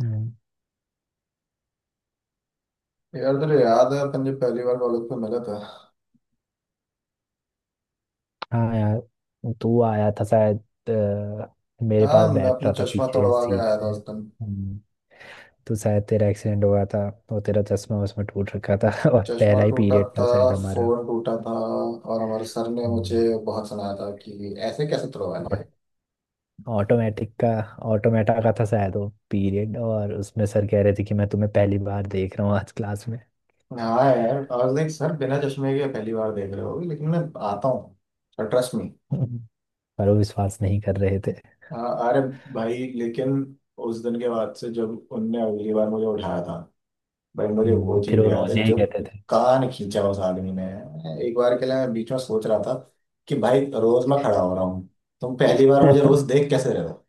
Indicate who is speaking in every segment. Speaker 1: हम्म।
Speaker 2: यार तुझे याद है अपन जब पहली बार कॉलेज में मिला था।
Speaker 1: हाँ यार, तू आया था शायद। अ, मेरे पास
Speaker 2: हाँ, मैं
Speaker 1: बैठ
Speaker 2: अपना
Speaker 1: रहा था
Speaker 2: चश्मा
Speaker 1: पीछे
Speaker 2: तोड़वा के
Speaker 1: सीट
Speaker 2: आया था
Speaker 1: पे
Speaker 2: उस दिन।
Speaker 1: हम्म, तो शायद तेरा एक्सीडेंट हो गया था और तेरा चश्मा उसमें टूट रखा था। और
Speaker 2: चश्मा
Speaker 1: पहला ही
Speaker 2: टूटा
Speaker 1: पीरियड था
Speaker 2: था,
Speaker 1: शायद हमारा।
Speaker 2: फोन टूटा था और हमारे सर ने
Speaker 1: हम्म,
Speaker 2: मुझे बहुत सुनाया था कि ऐसे कैसे तोड़वा लिया।
Speaker 1: और ऑटोमेटिक का ऑटोमेटा का था शायद वो पीरियड, और उसमें सर कह रहे थे कि मैं तुम्हें पहली बार देख रहा हूँ आज क्लास में।
Speaker 2: हाँ यार, और देख सर, बिना चश्मे के पहली बार देख रहे हो लेकिन मैं आता हूँ, ट्रस्ट मी।
Speaker 1: हम्म, पर वो विश्वास नहीं कर रहे थे।
Speaker 2: हाँ, अरे भाई लेकिन उस दिन के बाद से जब उनने अगली बार मुझे उठाया था, भाई मुझे वो
Speaker 1: फिर
Speaker 2: चीज
Speaker 1: वो
Speaker 2: याद
Speaker 1: रोज
Speaker 2: है
Speaker 1: यही
Speaker 2: जो
Speaker 1: कहते
Speaker 2: कान खींचा उस आदमी ने। मैं एक बार के लिए, मैं बीच में सोच रहा था कि भाई रोज मैं खड़ा हो रहा हूँ, तुम पहली बार
Speaker 1: थे।
Speaker 2: मुझे रोज देख कैसे रहे हो।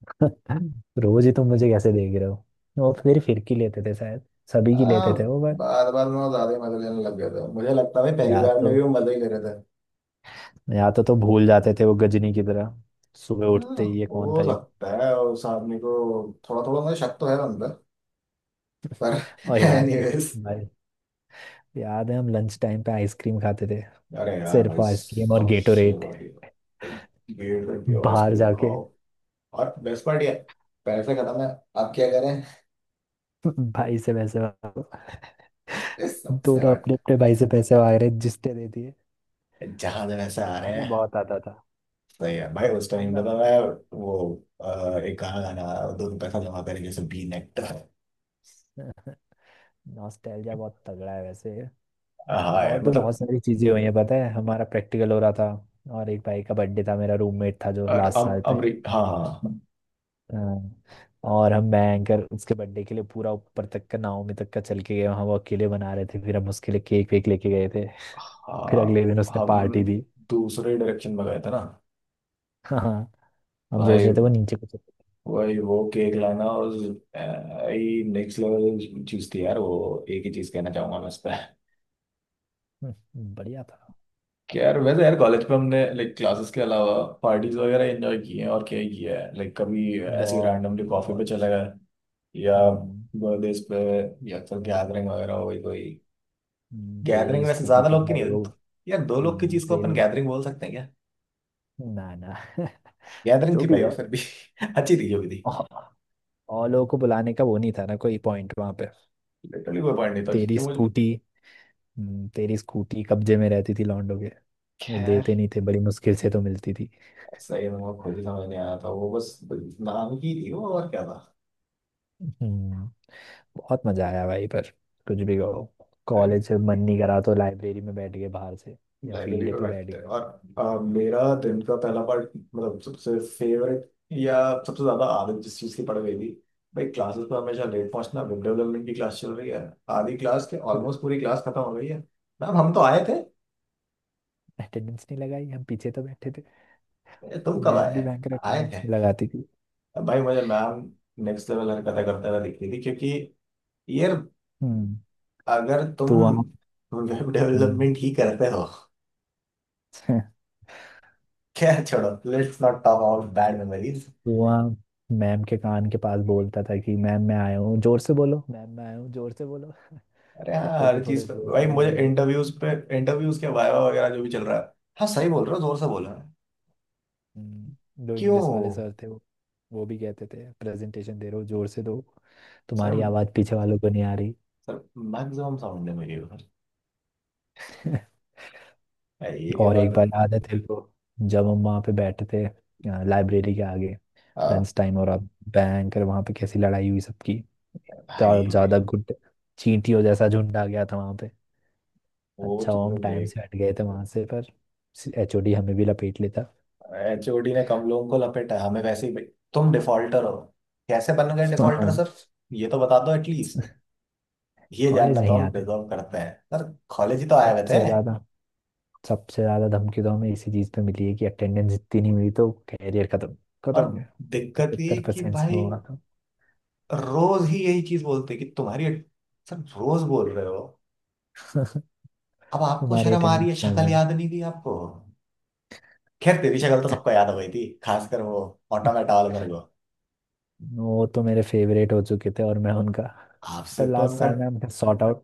Speaker 1: रोज ही तुम मुझे कैसे देख रहे हो। वो फिर फिरकी लेते थे शायद, सभी की
Speaker 2: हाँ,
Speaker 1: लेते थे वो। बट
Speaker 2: बार बार मैं ज्यादा ही मजे लेने लग गया था। मुझे लगता है भाई पहली
Speaker 1: या
Speaker 2: बार में
Speaker 1: तो
Speaker 2: भी वो मजे ही ले रहे थे।
Speaker 1: या तो तो भूल जाते थे वो गजनी की तरह, सुबह उठते
Speaker 2: हाँ,
Speaker 1: ही ये कौन
Speaker 2: हो
Speaker 1: था ये।
Speaker 2: सकता है। उस आदमी को थोड़ा थोड़ा मुझे शक तो है, बंदा पर
Speaker 1: और याद है
Speaker 2: एनीवेज।
Speaker 1: भाई, याद है हम लंच टाइम पे आइसक्रीम खाते थे,
Speaker 2: अरे यार
Speaker 1: सिर्फ
Speaker 2: भाई
Speaker 1: आइसक्रीम और
Speaker 2: सबसे
Speaker 1: गेटोरेट,
Speaker 2: बढ़िया, गेट पे
Speaker 1: बाहर
Speaker 2: आइसक्रीम
Speaker 1: जाके।
Speaker 2: खाओ और बेस्ट पार्टी है। पैसे खत्म है, आप क्या करें।
Speaker 1: भाई से पैसे मांगो।
Speaker 2: This stuff's
Speaker 1: दोनों
Speaker 2: not
Speaker 1: अपने अपने भाई से पैसे मांग रहे जिसने दे दिए।
Speaker 2: जहां जैसे आ रहे
Speaker 1: मजा
Speaker 2: हैं।
Speaker 1: बहुत आता था,
Speaker 2: सही है भाई, उस टाइम पे
Speaker 1: मजा
Speaker 2: तो
Speaker 1: बहुत।
Speaker 2: मैं वो एक गाना गाना आया, 2 रुपए का जमा करें जैसे बी नेट।
Speaker 1: नॉस्टैल्जिया बहुत तगड़ा है वैसे।
Speaker 2: हाँ
Speaker 1: और
Speaker 2: यार
Speaker 1: भी
Speaker 2: मतलब।
Speaker 1: बहुत सारी चीजें हुई हैं। पता है, हमारा प्रैक्टिकल हो रहा था और एक भाई का बर्थडे था, मेरा रूममेट था जो
Speaker 2: और
Speaker 1: लास्ट
Speaker 2: अम
Speaker 1: साल पे।
Speaker 2: अमरी, हाँ हाँ।
Speaker 1: हाँ, और हम मैं एंकर उसके बर्थडे के लिए पूरा ऊपर तक का नावमी तक का चल के गए। वहाँ वो अकेले बना रहे थे, फिर हम उसके लिए केक वेक लेके गए थे। फिर अगले
Speaker 2: हाँ,
Speaker 1: दिन उसने
Speaker 2: हम
Speaker 1: पार्टी दी।
Speaker 2: दूसरे डायरेक्शन में गए थे ना।
Speaker 1: हाँ हाँ, हम सोच
Speaker 2: भाई
Speaker 1: रहे थे वो नीचे कुछ।
Speaker 2: वही वो केक लाना और नेक्स्ट लेवल चीज थी यार, वो एक ही चीज कहना चाहूंगा मैं इस पे
Speaker 1: बढ़िया था।
Speaker 2: कि यार, वैसे यार कॉलेज पे हमने लाइक क्लासेस के अलावा पार्टीज वगैरह एंजॉय किए हैं, और क्या ही किया है, लाइक कभी ऐसे
Speaker 1: बहुत
Speaker 2: रैंडमली कॉफी पे
Speaker 1: बहुत।
Speaker 2: चले गए, या
Speaker 1: हम्म,
Speaker 2: बर्थडेज पे, या तो गैदरिंग वगैरह हो गई कोई। गैदरिंग
Speaker 1: तेरी
Speaker 2: वैसे
Speaker 1: स्कूटी
Speaker 2: ज्यादा
Speaker 1: तो
Speaker 2: लोग की नहीं
Speaker 1: भाई
Speaker 2: है।
Speaker 1: वो।
Speaker 2: यार दो लोग की चीज को अपन
Speaker 1: तेरी,
Speaker 2: गैदरिंग बोल सकते हैं क्या।
Speaker 1: ना ना।
Speaker 2: गैदरिंग
Speaker 1: जो
Speaker 2: थी
Speaker 1: भी
Speaker 2: भाई वो फिर भी अच्छी थी जो भी थी।
Speaker 1: है। और लोगों को बुलाने का वो नहीं था ना, कोई पॉइंट वहां पे।
Speaker 2: लिटरली कोई पॉइंट नहीं था
Speaker 1: तेरी
Speaker 2: क्योंकि मुझे।
Speaker 1: स्कूटी। तेरी स्कूटी कब्जे में रहती थी लौंडों के, वो
Speaker 2: खैर,
Speaker 1: देते नहीं थे, बड़ी मुश्किल से तो मिलती थी।
Speaker 2: सही में वो खुद ही समझ नहीं आया था, वो बस नाम की थी वो और क्या।
Speaker 1: हम्म, बहुत मजा आया भाई। पर कुछ भी कहो,
Speaker 2: था
Speaker 1: कॉलेज से मन नहीं करा तो लाइब्रेरी में बैठ गए बाहर से, या
Speaker 2: लाइब्रेरी
Speaker 1: फील्ड
Speaker 2: पे
Speaker 1: पे बैठ
Speaker 2: बैठते
Speaker 1: गए।
Speaker 2: हैं और मेरा दिन का पहला पार्ट, मतलब सबसे फेवरेट, या सबसे ज्यादा आदत जिस चीज की पड़ गई थी, भाई क्लासेस में हमेशा लेट पहुंचना। वेब डेवलपमेंट की क्लास चल रही है, आधी क्लास के ऑलमोस्ट पूरी क्लास खत्म हो गई है। मैम, हम तो आए थे।
Speaker 1: अटेंडेंस नहीं लगाई, हम पीछे तो बैठे थे।
Speaker 2: तुम कब
Speaker 1: मैम भी
Speaker 2: आए,
Speaker 1: भयंकर
Speaker 2: आए
Speaker 1: अटेंडेंस
Speaker 2: थे।
Speaker 1: नहीं लगाती थी।
Speaker 2: अब भाई मुझे मैम नेक्स्ट लेवल हरकतें करते हुए दिख रही थी क्योंकि यार
Speaker 1: हम्म
Speaker 2: अगर तुम
Speaker 1: तो वहाँ
Speaker 2: वेब
Speaker 1: हम्म
Speaker 2: डेवलपमेंट ही करते हो। क्या, छोड़ो, let's not talk about bad memories.
Speaker 1: कुआ, मैम के कान के पास बोलता था कि मैम मैं आया हूँ, जोर से बोलो मैम मैं आया हूँ, जोर से बोलो।
Speaker 2: अरे
Speaker 1: तब
Speaker 2: हाँ,
Speaker 1: तक तो
Speaker 2: हर चीज
Speaker 1: थोड़े
Speaker 2: पे
Speaker 1: जोर से
Speaker 2: भाई
Speaker 1: नहीं
Speaker 2: मुझे
Speaker 1: बोलेगा।
Speaker 2: इंटरव्यूज पे, इंटरव्यूज के वायवा वगैरह जो भी चल रहा है। हाँ सही बोल रहे हो, जोर से बोल रहे हो
Speaker 1: जो इंग्लिश वाले
Speaker 2: क्यों।
Speaker 1: सर थे, वो भी कहते थे प्रेजेंटेशन दे रहे हो जोर से दो,
Speaker 2: सर,
Speaker 1: तुम्हारी आवाज़ पीछे वालों को नहीं आ रही।
Speaker 2: सर, मैक्सिमम साउंड है मेरी उधर। भाई, ये क्या
Speaker 1: और
Speaker 2: बात
Speaker 1: एक
Speaker 2: है।
Speaker 1: बार याद है तेरे को, जब हम वहाँ पे बैठे थे लाइब्रेरी के आगे
Speaker 2: हाँ
Speaker 1: लंच टाइम, और अब भयंकर वहाँ पे कैसी लड़ाई हुई सबकी, इतना
Speaker 2: भाई,
Speaker 1: ज़्यादा गुट, चींटियों जैसा झुंड आ गया था वहाँ। अच्छा
Speaker 2: सोच
Speaker 1: हुआ हम
Speaker 2: वो
Speaker 1: टाइम
Speaker 2: देख।
Speaker 1: से हट गए थे वहां से, पर एचओडी हमें भी लपेट लेता।
Speaker 2: एचओडी ने कम लोगों को लपेटा है, हमें वैसे ही भाई तुम डिफॉल्टर हो। कैसे बन गए डिफॉल्टर
Speaker 1: हाँ,
Speaker 2: सर। ये तो बता दो एटलीस्ट। ये जानना
Speaker 1: कॉलेज
Speaker 2: तो
Speaker 1: नहीं
Speaker 2: हम
Speaker 1: आते थे।
Speaker 2: डिजर्व करते हैं सर। कॉलेज ही तो आए हुए थे।
Speaker 1: सबसे ज्यादा सबसे ज्यादा धमकी तो हमें इसी चीज पे मिली है कि अटेंडेंस इतनी नहीं हुई तो कैरियर खत्म,
Speaker 2: और
Speaker 1: खत्म।
Speaker 2: दिक्कत ये
Speaker 1: 75%
Speaker 2: कि
Speaker 1: परसेंट से
Speaker 2: भाई
Speaker 1: हुआ था।
Speaker 2: रोज ही यही चीज बोलते कि तुम्हारी। सर रोज बोल रहे हो, अब आपको
Speaker 1: तुम्हारी
Speaker 2: शर्म आ रही
Speaker 1: अटेंडेंस
Speaker 2: है,
Speaker 1: कम
Speaker 2: शक्ल
Speaker 1: है।
Speaker 2: याद नहीं थी आपको। खैर तेरी शक्ल तो सबको याद हो गई थी, खासकर वो ऑटोमेटा वाले मेरे को।
Speaker 1: वो तो मेरे फेवरेट हो चुके थे और मैं उनका।
Speaker 2: आपसे
Speaker 1: पर
Speaker 2: तो
Speaker 1: लास्ट
Speaker 2: उनका,
Speaker 1: साल में हमने सॉर्ट आउट,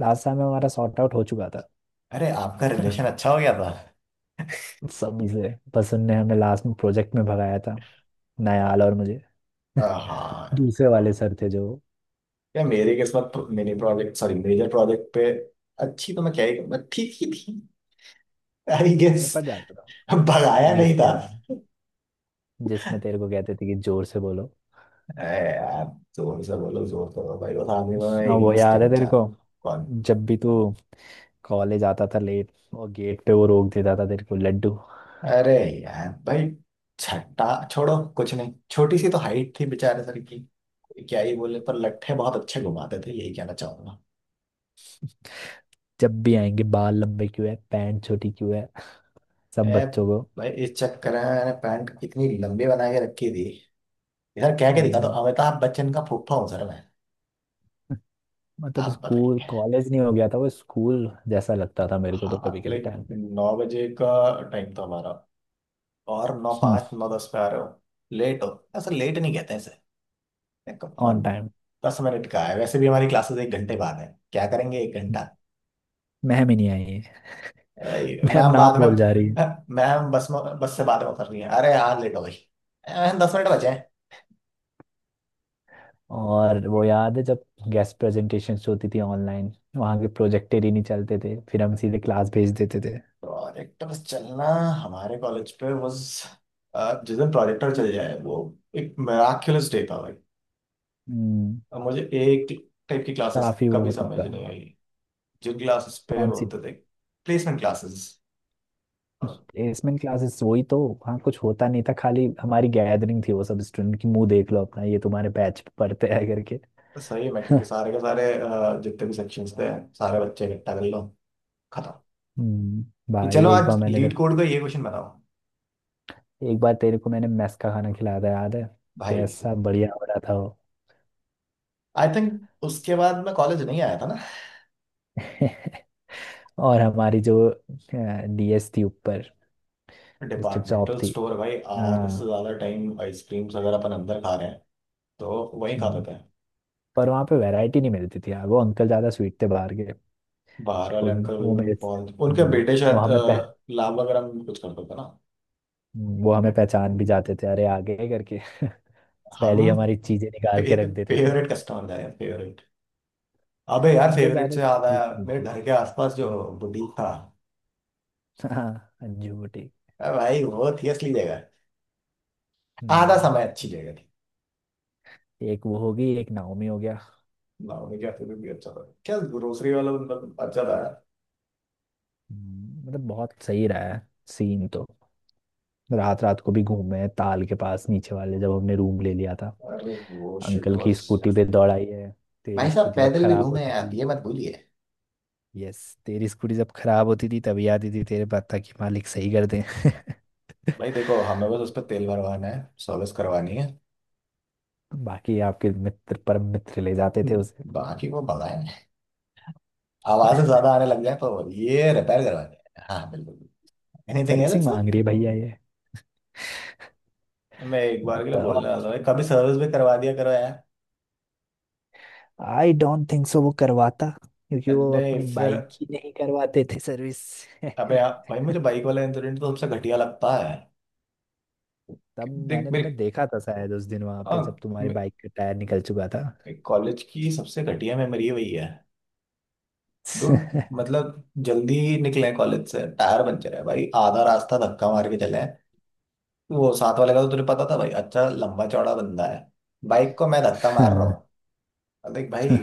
Speaker 1: लास्ट साल में हमारा सॉर्ट आउट हो चुका था।
Speaker 2: अरे आपका रिलेशन अच्छा हो गया था।
Speaker 1: सभी से। बस उनने हमें लास्ट में प्रोजेक्ट में भगाया था, नयाल और मुझे।
Speaker 2: हाँ,
Speaker 1: दूसरे वाले सर थे जो
Speaker 2: या मेरी किस्मत। Mini project, sorry major project पे अच्छी तो मैं क्या ही, मैं ठीक ही थी आई गेस।
Speaker 1: निपट जाता था,
Speaker 2: भगाया
Speaker 1: इंग्लिश
Speaker 2: नहीं था।
Speaker 1: वगैरह, जिसमें तेरे को कहते थे कि जोर से बोलो।
Speaker 2: अरे यार, जोर से बोलो भाई, वो सामने में मैं एक
Speaker 1: और
Speaker 2: ही
Speaker 1: वो
Speaker 2: चीज
Speaker 1: याद है
Speaker 2: कहना
Speaker 1: तेरे
Speaker 2: चाहता
Speaker 1: को,
Speaker 2: हूँ। कौन।
Speaker 1: जब भी तू कॉलेज आता था लेट, और गेट पे वो रोक देता था तेरे को, लड्डू।
Speaker 2: अरे यार भाई छट्टा, छोड़ो कुछ नहीं, छोटी सी तो हाइट थी बेचारे सर की, क्या ही बोले। पर लट्ठे बहुत अच्छे घुमाते थे, यही कहना चाहूंगा।
Speaker 1: जब भी आएंगे बाल लंबे क्यों है, पैंट छोटी क्यों है, सब
Speaker 2: ए
Speaker 1: बच्चों को।
Speaker 2: भाई, इस चक्कर में मैंने पैंट इतनी लंबी बना के रखी थी, इधर कह के दिखा दो
Speaker 1: हम्म,
Speaker 2: अमिताभ बच्चन का फूफा हूँ सर मैं।
Speaker 1: मतलब
Speaker 2: आप
Speaker 1: स्कूल
Speaker 2: बताइए।
Speaker 1: कॉलेज नहीं हो गया था, वो स्कूल जैसा लगता था मेरे को तो कभी
Speaker 2: हाँ
Speaker 1: कभी
Speaker 2: लाइक,
Speaker 1: टाइम पे।
Speaker 2: 9 बजे का टाइम था हमारा, और नौ
Speaker 1: हम्म
Speaker 2: पाँच नौ दस पे आ रहे हो, लेट हो। ऐसा लेट नहीं कहते हैं इसे,
Speaker 1: ऑन
Speaker 2: कम
Speaker 1: टाइम।
Speaker 2: 10 मिनट का है। वैसे भी हमारी क्लासेस 1 घंटे बाद है, क्या करेंगे 1 घंटा।
Speaker 1: मैम ही नहीं आई है।
Speaker 2: भाई
Speaker 1: मैम
Speaker 2: मैम बाद
Speaker 1: नाम
Speaker 2: में,
Speaker 1: बोल जा रही है।
Speaker 2: मैम बस में, बस से बाद में उतर रही है। अरे यार लेट हो गई, मैम 10 मिनट बचे हैं।
Speaker 1: और वो याद है जब गेस्ट प्रेजेंटेशंस होती थी ऑनलाइन, वहाँ के प्रोजेक्टर ही नहीं चलते थे, फिर हम सीधे क्लास भेज देते थे।
Speaker 2: प्रोजेक्टर चलना हमारे कॉलेज पे, बस जिस दिन प्रोजेक्टर चल जाए वो एक मिराक्युलस डे था भाई।
Speaker 1: हम्म,
Speaker 2: अब मुझे एक टाइप की क्लासेस
Speaker 1: काफी वो
Speaker 2: कभी
Speaker 1: होता
Speaker 2: समझ
Speaker 1: था।
Speaker 2: नहीं आई, जिन क्लासेस पे
Speaker 1: कौन सी।
Speaker 2: बोलते थे प्लेसमेंट क्लासेस।
Speaker 1: प्लेसमेंट क्लासेस वही तो, वहाँ कुछ होता नहीं था, खाली हमारी गैदरिंग थी वो, सब स्टूडेंट की मुंह देख लो अपना, ये तुम्हारे बैच पढ़ते हैं करके।
Speaker 2: सही है, मैं क्योंकि सारे के सारे जितने भी सेक्शंस थे, सारे बच्चे इकट्ठा कर लो, खत्म।
Speaker 1: हम्म, भाई
Speaker 2: चलो
Speaker 1: एक
Speaker 2: आज
Speaker 1: बार मैंने
Speaker 2: लीड
Speaker 1: तेरे,
Speaker 2: कोड का ये क्वेश्चन बनाओ।
Speaker 1: एक बार तेरे को मैंने मेस का खाना खिलाया था याद है,
Speaker 2: भाई
Speaker 1: कैसा बढ़िया हो रहा था वो।
Speaker 2: आई थिंक उसके बाद मैं कॉलेज नहीं आया था ना।
Speaker 1: और हमारी जो डीएस थी ऊपर, डिस्ट्रिक्ट जॉब
Speaker 2: डिपार्टमेंटल
Speaker 1: थी।
Speaker 2: स्टोर, भाई आधे से
Speaker 1: हाँ।
Speaker 2: ज्यादा टाइम आइसक्रीम्स अगर अपन अंदर खा रहे हैं तो वहीं
Speaker 1: हम्म,
Speaker 2: खाते थे।
Speaker 1: पर वहाँ पे वैरायटी नहीं मिलती थी यार, वो अंकल ज़्यादा स्वीट थे बाहर के।
Speaker 2: बाहर
Speaker 1: तो
Speaker 2: वाले
Speaker 1: उन-
Speaker 2: अंकल
Speaker 1: वो
Speaker 2: भी
Speaker 1: मेरे
Speaker 2: बहुत, उनके बेटे
Speaker 1: वो
Speaker 2: शायद
Speaker 1: हमें पह,
Speaker 2: लाभ वगैरह में कुछ करते थे ना।
Speaker 1: वो हमें पहचान भी जाते थे, अरे आ गए करके। पहले ही
Speaker 2: हम
Speaker 1: हमारी चीज़ें निकाल के रख देते थे।
Speaker 2: फेवरेट कस्टमर थे, फेवरेट। अबे यार,
Speaker 1: अंदर
Speaker 2: फेवरेट
Speaker 1: ज़्यादा
Speaker 2: से
Speaker 1: भी
Speaker 2: आधा
Speaker 1: टेस्ट नहीं
Speaker 2: मेरे
Speaker 1: थी।
Speaker 2: घर के आसपास जो
Speaker 1: हम्म,
Speaker 2: बुटीक था,
Speaker 1: हाँ, अंजू बुटीक।
Speaker 2: भाई वो थी असली जगह। आधा समय
Speaker 1: हम्म,
Speaker 2: अच्छी जगह थी।
Speaker 1: एक वो होगी, एक नाओमी हो गया।
Speaker 2: ना उनके भी अच्छा था क्या ग्रोसरी वाला, मतलब अच्छा था।
Speaker 1: मतलब बहुत सही रहा है सीन तो, रात रात को भी घूमे हैं, ताल के पास नीचे वाले जब हमने रूम ले लिया था।
Speaker 2: अरे वो शिट
Speaker 1: अंकल की
Speaker 2: वाज।
Speaker 1: स्कूटी पे दौड़ाई है, तेरी
Speaker 2: भाई साहब,
Speaker 1: स्कूटी जब
Speaker 2: पैदल भी
Speaker 1: खराब
Speaker 2: घूमे
Speaker 1: होती
Speaker 2: आप,
Speaker 1: थी।
Speaker 2: ये मत भूलिए।
Speaker 1: यस, तेरी स्कूटी जब खराब होती थी तभी आती थी तेरे पास, ताकि मालिक सही कर दे।
Speaker 2: भाई देखो, हमें बस उस पर तेल भरवाना है, सर्विस करवानी है।
Speaker 1: बाकी आपके मित्र परम मित्र ले जाते थे उसे।
Speaker 2: बाकी वो भगाए, आवाजें ज्यादा आने लग जाए तो ये रिपेयर करवानी है, हाँ बिल्कुल। Anything
Speaker 1: servicing
Speaker 2: else.
Speaker 1: मांग रही है भैया ये,
Speaker 2: मैं एक बार के लिए
Speaker 1: मतलब।
Speaker 2: बोलने वाला था भाई, कभी सर्विस भी करवा दिया करो यार।
Speaker 1: आई डोंट थिंक सो वो करवाता, क्योंकि वो
Speaker 2: नहीं
Speaker 1: अपनी
Speaker 2: फिर।
Speaker 1: बाइक ही नहीं करवाते थे सर्विस।
Speaker 2: अबे यार भाई, मुझे बाइक वाला इंसिडेंट तो सबसे घटिया लगता है।
Speaker 1: तब
Speaker 2: देख
Speaker 1: मैंने
Speaker 2: मेरी,
Speaker 1: तुम्हें देखा था शायद उस दिन वहां पे, जब
Speaker 2: हाँ,
Speaker 1: तुम्हारी बाइक का टायर निकल चुका
Speaker 2: कॉलेज की सबसे घटिया मेमोरी वही है। डूड, मतलब जल्दी निकले कॉलेज से, टायर पंचर है भाई, आधा रास्ता धक्का मार के चले। वो साथ वाले का तो तुझे पता था भाई, अच्छा लंबा चौड़ा बंदा है, बाइक को मैं धक्का मार रहा
Speaker 1: था।
Speaker 2: हूँ। अब देख भाई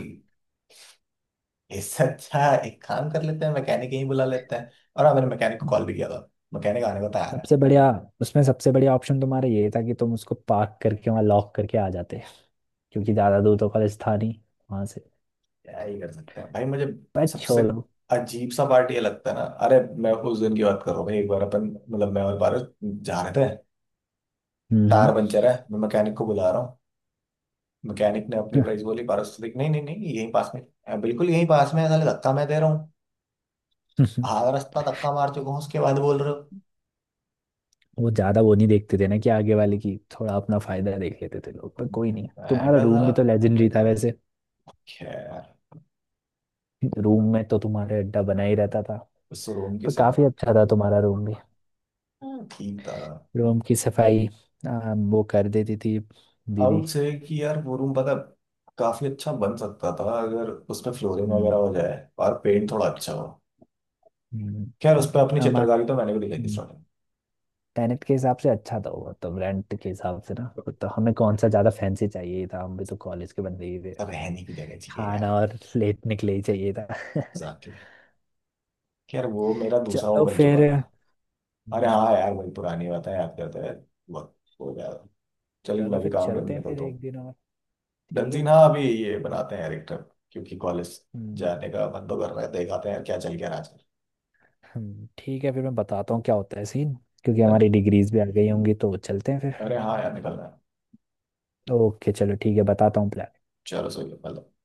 Speaker 2: इससे अच्छा एक काम कर लेते हैं, मैकेनिक ही बुला लेते हैं। और हाँ, मैंने मैकेनिक को कॉल भी किया था, मैकेनिक आने को तैयार है।
Speaker 1: सबसे बढ़िया। उसमें सबसे बढ़िया ऑप्शन तुम्हारा ये था कि तुम उसको पार्क करके वहाँ लॉक करके आ जाते, क्योंकि ज्यादा दूर तो कॉलेज था नहीं वहां से।
Speaker 2: क्या ही कर सकते हैं भाई मुझे।
Speaker 1: पर
Speaker 2: सबसे
Speaker 1: छोड़ो।
Speaker 2: अजीब सा पार्ट ये लगता है ना, अरे मैं उस दिन की बात कर रहा हूँ भाई, एक बार अपन, मतलब मैं और पारस जा रहे थे, टायर
Speaker 1: हम्म।
Speaker 2: पंचर है, मैं मैकेनिक को बुला रहा हूँ। मैकेनिक ने अपनी प्राइस बोली, पारस तो देख, नहीं नहीं नहीं, यहीं पास में, बिल्कुल यहीं पास में है, साले, धक्का मैं दे रहा हूँ,
Speaker 1: हम्म।
Speaker 2: आधा रास्ता धक्का मार चुका हूँ, उसके बाद बोल रहे हो।
Speaker 1: वो ज्यादा वो नहीं देखते थे ना, कि आगे वाले की थोड़ा अपना फायदा देख लेते थे लोग, पर कोई नहीं,
Speaker 2: मैं
Speaker 1: तुम्हारा
Speaker 2: क्या
Speaker 1: रूम
Speaker 2: जरा।
Speaker 1: भी तो लेजेंडरी था वैसे।
Speaker 2: खैर,
Speaker 1: रूम में तो तुम्हारे अड्डा बना ही रहता था।
Speaker 2: उस रूम की
Speaker 1: पर काफी
Speaker 2: सफाई।
Speaker 1: अच्छा था तुम्हारा रूम भी।
Speaker 2: हाँ, ठीक था।
Speaker 1: रूम की सफाई, वो कर देती थी दीदी।
Speaker 2: आउट से कि यार वो रूम पता, काफी अच्छा बन सकता था अगर उसमें फ्लोरिंग वगैरह
Speaker 1: हम्म
Speaker 2: हो जाए और पेंट थोड़ा अच्छा हो। खैर, उस
Speaker 1: पर
Speaker 2: पर अपनी
Speaker 1: हमारे।
Speaker 2: चित्रकारी तो मैंने भी दिखाई थी
Speaker 1: हम्म।
Speaker 2: स्टार्टिंग।
Speaker 1: टेनेट के हिसाब से अच्छा था वो तो, रेंट के हिसाब से ना, वो तो हमें कौन सा ज्यादा फैंसी चाहिए ही था, हम भी तो कॉलेज के बंदे ही थे,
Speaker 2: रहने की जगह चाहिए
Speaker 1: खाना
Speaker 2: यार,
Speaker 1: और लेटने के लिए ही चाहिए था।
Speaker 2: जाके। खैर वो मेरा दूसरा वो
Speaker 1: चलो
Speaker 2: बन चुका
Speaker 1: फिर।
Speaker 2: था। अरे
Speaker 1: हम्म,
Speaker 2: हाँ यार, वही पुरानी बात है, याद करते हैं। वक्त हो गया, चलिए
Speaker 1: चलो
Speaker 2: मैं भी
Speaker 1: फिर
Speaker 2: काम करने
Speaker 1: चलते हैं फिर,
Speaker 2: निकलता हूँ।
Speaker 1: एक दिन और। ठीक
Speaker 2: डंजीन,
Speaker 1: है।
Speaker 2: हाँ अभी ये बनाते हैं यार, एक ट्रिप क्योंकि कॉलेज
Speaker 1: हम्म
Speaker 2: जाने का मन तो कर रहा है, देखाते हैं यार क्या चल गया आज।
Speaker 1: ठीक है फिर मैं बताता हूँ क्या होता है सीन, क्योंकि
Speaker 2: डन।
Speaker 1: हमारी डिग्रीज भी आ गई होंगी तो चलते हैं फिर।
Speaker 2: अरे हाँ यार, निकल रहा है।
Speaker 1: ओके चलो ठीक है, बताता हूँ प्लान।
Speaker 2: चलो सही है, निकल रहा है।